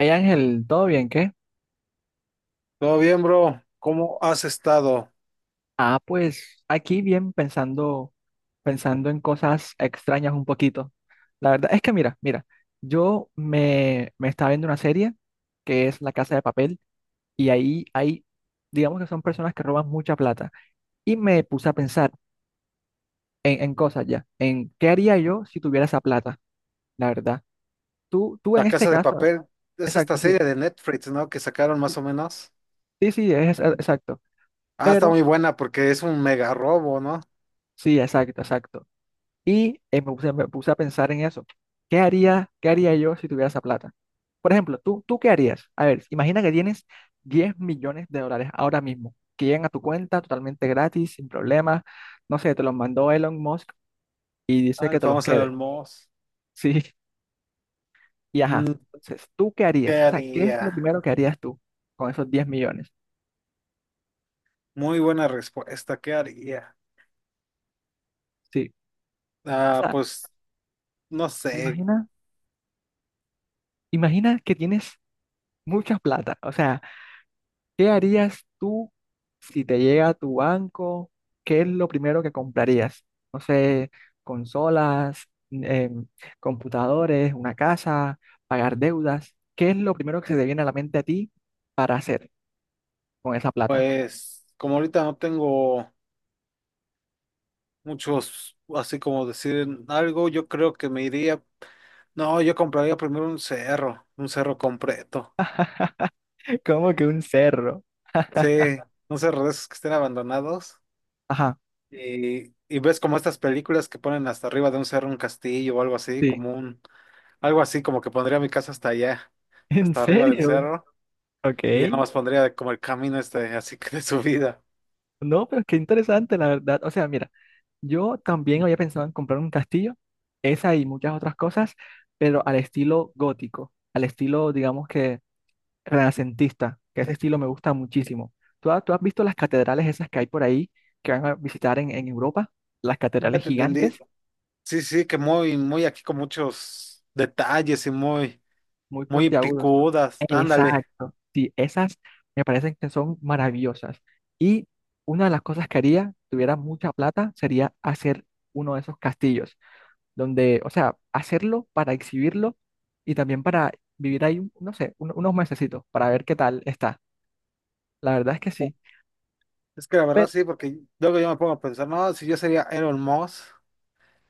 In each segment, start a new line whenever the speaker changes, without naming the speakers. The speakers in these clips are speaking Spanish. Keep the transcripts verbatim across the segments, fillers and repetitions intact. Hey Ángel, ¿todo bien? ¿Qué?
Todo bien, bro. ¿Cómo has estado?
Ah, pues aquí bien pensando, pensando en cosas extrañas un poquito. La verdad es que mira, mira, yo me, me estaba viendo una serie que es La Casa de Papel y ahí hay, digamos que son personas que roban mucha plata y me puse a pensar en, en cosas ya, en qué haría yo si tuviera esa plata, la verdad. Tú, tú en
La
este
Casa de
caso,
Papel es esta
exacto, sí,
serie de Netflix, ¿no? Que sacaron más o menos.
sí, sí, es es- exacto,
Ah, está
pero
muy buena porque es un mega robo, ¿no?
sí, exacto, exacto. Y eh, me puse, me puse a pensar en eso. ¿Qué haría, qué haría yo si tuviera esa plata? Por ejemplo, ¿tú, tú qué harías? A ver, imagina que tienes diez millones de dólares ahora mismo, que llegan a tu cuenta totalmente gratis, sin problemas. No sé, te los mandó Elon Musk y dice
Ah,
que
el
te los
famoso
quede.
Elon Musk.
Sí, y ajá.
Mm,
Entonces, ¿tú qué
¿Qué
harías? O sea, ¿qué es lo
haría?
primero que harías tú con esos diez millones?
Muy buena respuesta. ¿Qué haría?
Sí. O
Ah,
sea,
pues no sé.
imagina, imagina que tienes mucha plata. O sea, ¿qué harías tú si te llega a tu banco? ¿Qué es lo primero que comprarías? No sé, consolas, em, computadores, una casa, pagar deudas. ¿Qué es lo primero que se te viene a la mente a ti para hacer con esa plata?
Pues como ahorita no tengo muchos, así como decir algo, yo creo que me iría. No, yo compraría primero un cerro, un cerro completo.
Como que un cerro.
Sí, un cerro de esos que estén abandonados.
Ajá,
Y, y ves como estas películas que ponen hasta arriba de un cerro un castillo o algo así,
sí.
como un, algo así como que pondría mi casa hasta allá,
¿En
hasta arriba del
serio?
cerro,
Ok.
y ya nomás pondría como el camino este, así que de subida.
No, pero es que interesante, la verdad. O sea, mira, yo también había pensado en comprar un castillo, esa y muchas otras cosas, pero al estilo gótico, al estilo, digamos que renacentista, que ese estilo me gusta muchísimo. ¿Tú, ha- tú has visto las catedrales esas que hay por ahí que van a visitar en, en Europa? Las
Ya
catedrales
te entendí.
gigantes,
Sí, sí, que muy, muy aquí con muchos detalles y muy,
muy
muy
puntiagudos.
picudas. Ándale.
Exacto. Sí, esas me parecen que son maravillosas. Y una de las cosas que haría, tuviera mucha plata, sería hacer uno de esos castillos, donde, o sea, hacerlo para exhibirlo y también para vivir ahí, no sé, un- unos mesecitos para ver qué tal está. La verdad es que sí.
Es que la verdad
Pero,
sí, porque luego yo me pongo a pensar, no, si yo sería Elon Musk,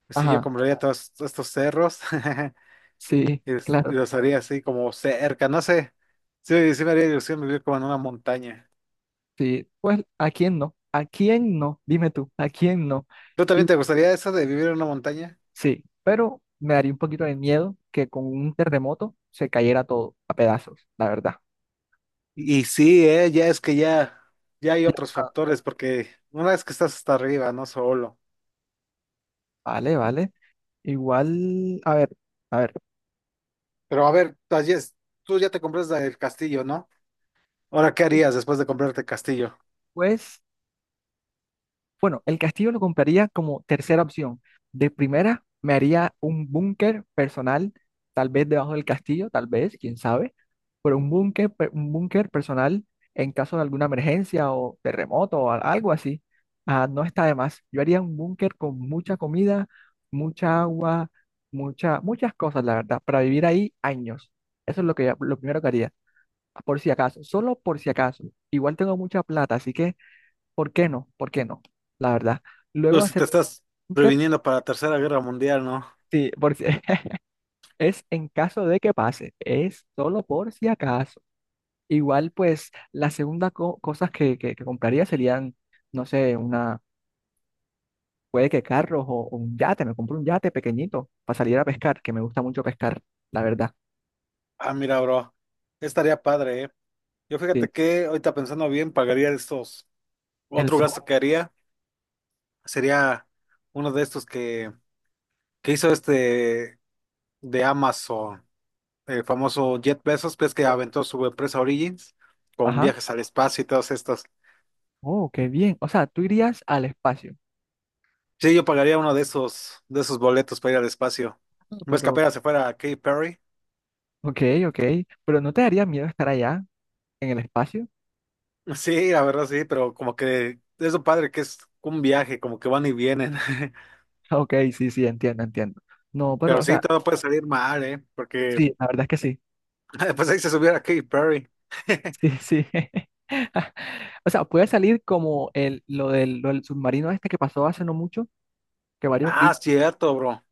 pues sí, yo
ajá,
compraría todos estos cerros.
sí,
y los, y
claro.
los haría así como cerca, no sé. Sí, sí me haría ilusión vivir como en una montaña.
Sí, pues ¿a quién no? ¿A quién no? Dime tú, ¿a quién no?
¿Tú
Y
también te gustaría eso de vivir en una montaña?
sí, pero me daría un poquito de miedo que con un terremoto se cayera todo a pedazos, la verdad.
Y sí, eh, ya es que ya, ya hay
Ya, o
otros
sea,
factores, porque una vez que estás hasta arriba, no solo.
vale, vale. Igual, a ver, a ver.
Pero a ver, ayer tú ya te compraste el castillo, ¿no? Ahora, ¿qué harías después de comprarte el castillo?
Pues bueno, el castillo lo compraría como tercera opción. De primera, me haría un búnker personal, tal vez debajo del castillo, tal vez, quién sabe, pero un búnker, pe- un búnker personal en caso de alguna emergencia o terremoto o a- algo así. Ah, no está de más. Yo haría un búnker con mucha comida, mucha agua, mucha, muchas cosas, la verdad, para vivir ahí años. Eso es lo que, lo primero que haría, por si acaso, solo por si acaso. Igual tengo mucha plata, así que ¿por qué no? ¿Por qué no? La verdad.
Tú
Luego
si
hacer
te estás
búnker,
previniendo para la Tercera Guerra Mundial, ¿no?
sí, por si- es en caso de que pase, es solo por si acaso. Igual, pues, la segunda co- cosas que, que, que compraría serían, no sé, una, puede que carros o, o un yate, me compro un yate pequeñito para salir a pescar, que me gusta mucho pescar, la verdad.
Ah, mira, bro, estaría padre, ¿eh? Yo fíjate
Sí.
que ahorita pensando bien, pagaría estos.
El
Otro
sol.
gasto que haría. Sería uno de estos que, que hizo este de Amazon, el famoso Jet Bezos, que que
¿Sí?
aventó su empresa Origins con
Ajá.
viajes al espacio y todos estos.
Oh, qué bien. O sea, tú irías al espacio.
Sí, yo pagaría uno de esos, de esos boletos para ir al espacio.
Ah,
¿Ves que
pero,
apenas se fuera a Katy Perry?
ok, ok. Pero ¿no te daría miedo estar allá en el espacio?
Sí, la verdad sí, pero como que es lo padre que es un viaje, como que van y vienen.
Ok, sí, sí, entiendo, entiendo. No, pero,
Pero
o
sí,
sea,
todo puede salir mal, ¿eh? Porque
sí, la verdad es que sí,
pues ahí se subiera Katy Perry.
sí, sí. O sea, puede salir como el, lo del, lo del submarino este que pasó hace no mucho, que varios
Ah,
ricos,
cierto, bro.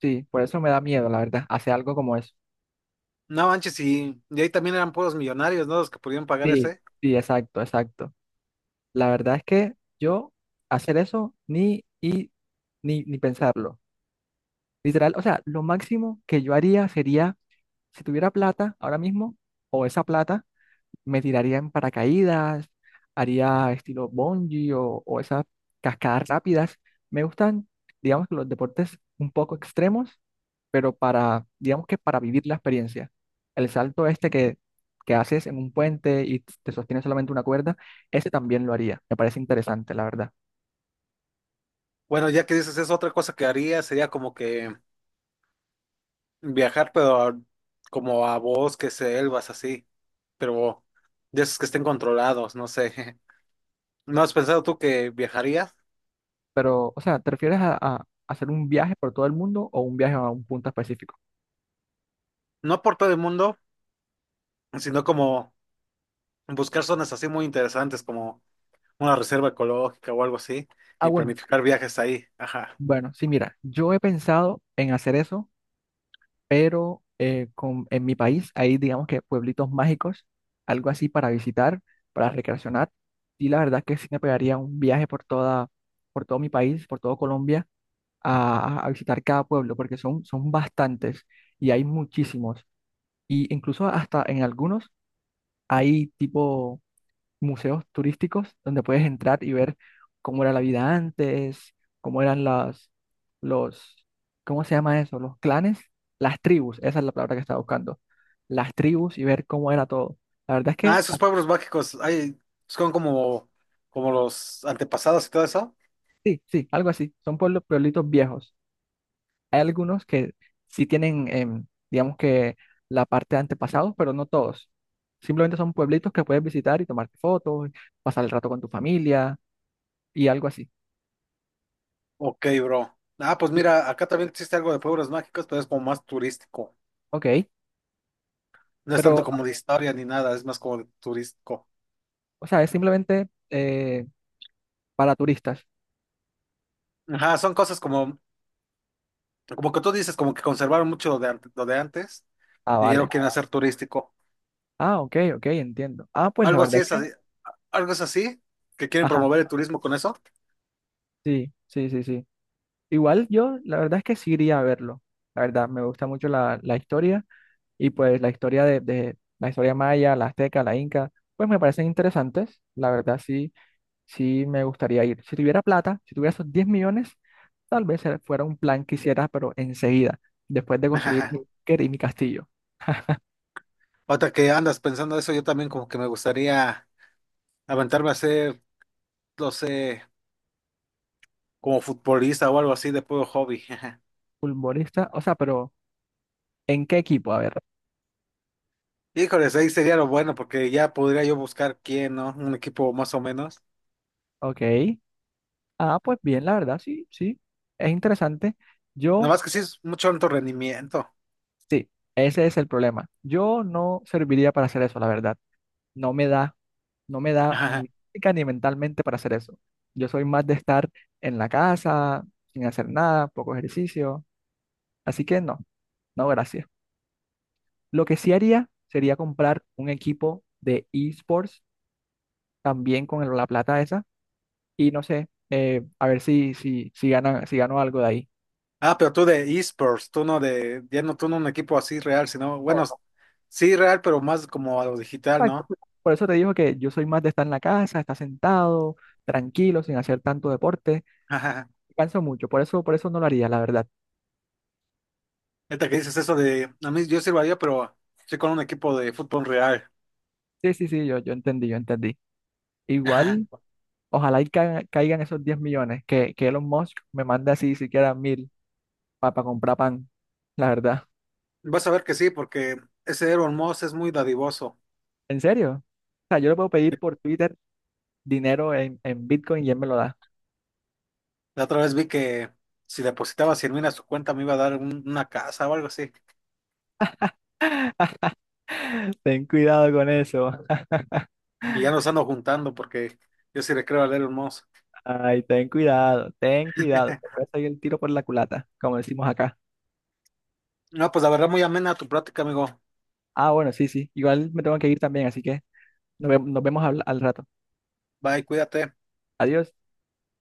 sí, por eso me da miedo, la verdad, hacer algo como eso.
No manches, y, y ahí también eran puros millonarios, ¿no? Los que podían pagar
Sí,
ese.
sí, exacto, exacto. La verdad es que yo hacer eso ni, y, ni, ni pensarlo. Literal, o sea, lo máximo que yo haría sería, si tuviera plata ahora mismo, o esa plata, me tiraría en paracaídas, haría estilo bungee o, o esas cascadas rápidas. Me gustan, digamos que los deportes un poco extremos, pero para, digamos que para vivir la experiencia. El salto este que, que haces en un puente y te sostiene solamente una cuerda, ese también lo haría. Me parece interesante, la verdad.
Bueno, ya que dices eso, otra cosa que haría sería como que viajar, pero a- como a bosques, selvas, así. Pero de esos que estén controlados, no sé. ¿No has pensado tú que viajarías?
Pero, o sea, ¿te refieres a, a hacer un viaje por todo el mundo o un viaje a un punto específico?
No por todo el mundo, sino como buscar zonas así muy interesantes, como una reserva ecológica o algo así,
Ah,
y
bueno,
planificar viajes ahí. Ajá.
bueno, sí, mira, yo he pensado en hacer eso pero eh, con- en mi país hay, digamos que pueblitos mágicos, algo así para visitar, para recreacionar. Y la verdad que sí me pegaría un viaje por toda, por todo mi país, por todo Colombia, a, a visitar cada pueblo, porque son, son bastantes y hay muchísimos. Y incluso hasta en algunos hay tipo museos turísticos donde puedes entrar y ver cómo era la vida antes, cómo eran las, los, ¿cómo se llama eso? Los clanes, las tribus, esa es la palabra que estaba buscando, las tribus y ver cómo era todo. La verdad es
Ah,
que
esos
ah,
pueblos mágicos, ay, son como, como los antepasados y todo eso.
sí, sí, algo así, son pueblos, pueblitos viejos. Hay algunos que sí tienen, em, digamos que la parte de antepasados, pero no todos. Simplemente son pueblitos que puedes visitar y tomarte fotos, pasar el rato con tu familia y algo así.
Ok, bro. Ah, pues mira, acá también existe algo de pueblos mágicos, pero es como más turístico.
Ok,
No es tanto
pero
como de historia ni nada, es más como de turístico.
o sea, es simplemente eh, para turistas.
Ajá, son cosas como, como que tú dices, como que conservaron mucho lo de, ante- lo de antes
Ah,
y ya lo
vale.
quieren hacer turístico.
Ah, ok, ok, entiendo. Ah, pues la
Algo así
verdad es
es
que,
así, algo es así, que quieren
ajá,
promover el turismo con eso.
sí, sí, sí, sí. Igual yo, la verdad es que sí iría a verlo. La verdad, me gusta mucho la, la historia y pues la historia de, de la historia maya, la azteca, la inca, pues me parecen interesantes. La verdad, sí, sí me gustaría ir. Si tuviera plata, si tuviera esos diez millones, tal vez eh, fuera un plan que hiciera, pero enseguida, después de construir mi, quer- mi castillo.
Ahorita que andas pensando eso, yo también como que me gustaría aventarme a ser, no sé, como futbolista o algo así de puro hobby.
Futbolista, o sea, pero ¿en qué equipo? A ver.
Híjoles, ahí sería lo bueno porque ya podría yo buscar quién, ¿no? Un equipo más o menos.
Ok. Ah, pues bien, la verdad, sí, sí. Es interesante.
Nada
Yo,
más que sí es mucho alto rendimiento.
sí, ese es el problema. Yo no serviría para hacer eso, la verdad. No me da, no me da
Ajá.
ni física ni mentalmente para hacer eso. Yo soy más de estar en la casa, sin hacer nada, poco ejercicio. Así que no, no, gracias. Lo que sí haría sería comprar un equipo de esports también con el- la plata esa y no sé, eh, a ver si, si, si gana, si gano algo de ahí.
Ah, pero tú de esports, tú no de, ya no tú no un equipo así real, sino, bueno, sí real, pero más como a lo digital,
Exacto.
¿no?
Pues, por eso te digo que yo soy más de estar en la casa, estar sentado, tranquilo, sin hacer tanto deporte.
Ajá.
Canso mucho, por eso, por eso no lo haría, la verdad.
Ahorita que dices eso de, a mí yo sirvaría, pero estoy con un equipo de fútbol real.
Sí, sí, sí, yo, yo entendí, yo entendí.
Ajá.
Igual, ojalá y ca- caigan esos diez millones, que, que Elon Musk me mande así siquiera mil para comprar pan, la verdad.
Vas a ver que sí, porque ese Aaron Moss es muy dadivoso.
¿En serio? O sea, yo le puedo pedir por Twitter dinero en, en Bitcoin y él me lo da.
La otra vez vi que si depositaba cien mil a su cuenta me iba a dar un- una casa o algo así.
Ten cuidado con eso.
Y ya nos ando juntando porque yo sí le creo a Elon Musk.
Ay, ten cuidado, ten cuidado. Te puede salir el tiro por la culata, como decimos acá.
No, pues la verdad muy amena tu plática, amigo.
Ah, bueno, sí, sí. Igual me tengo que ir también, así que nos, ve- nos vemos al al rato.
Bye, cuídate.
Adiós.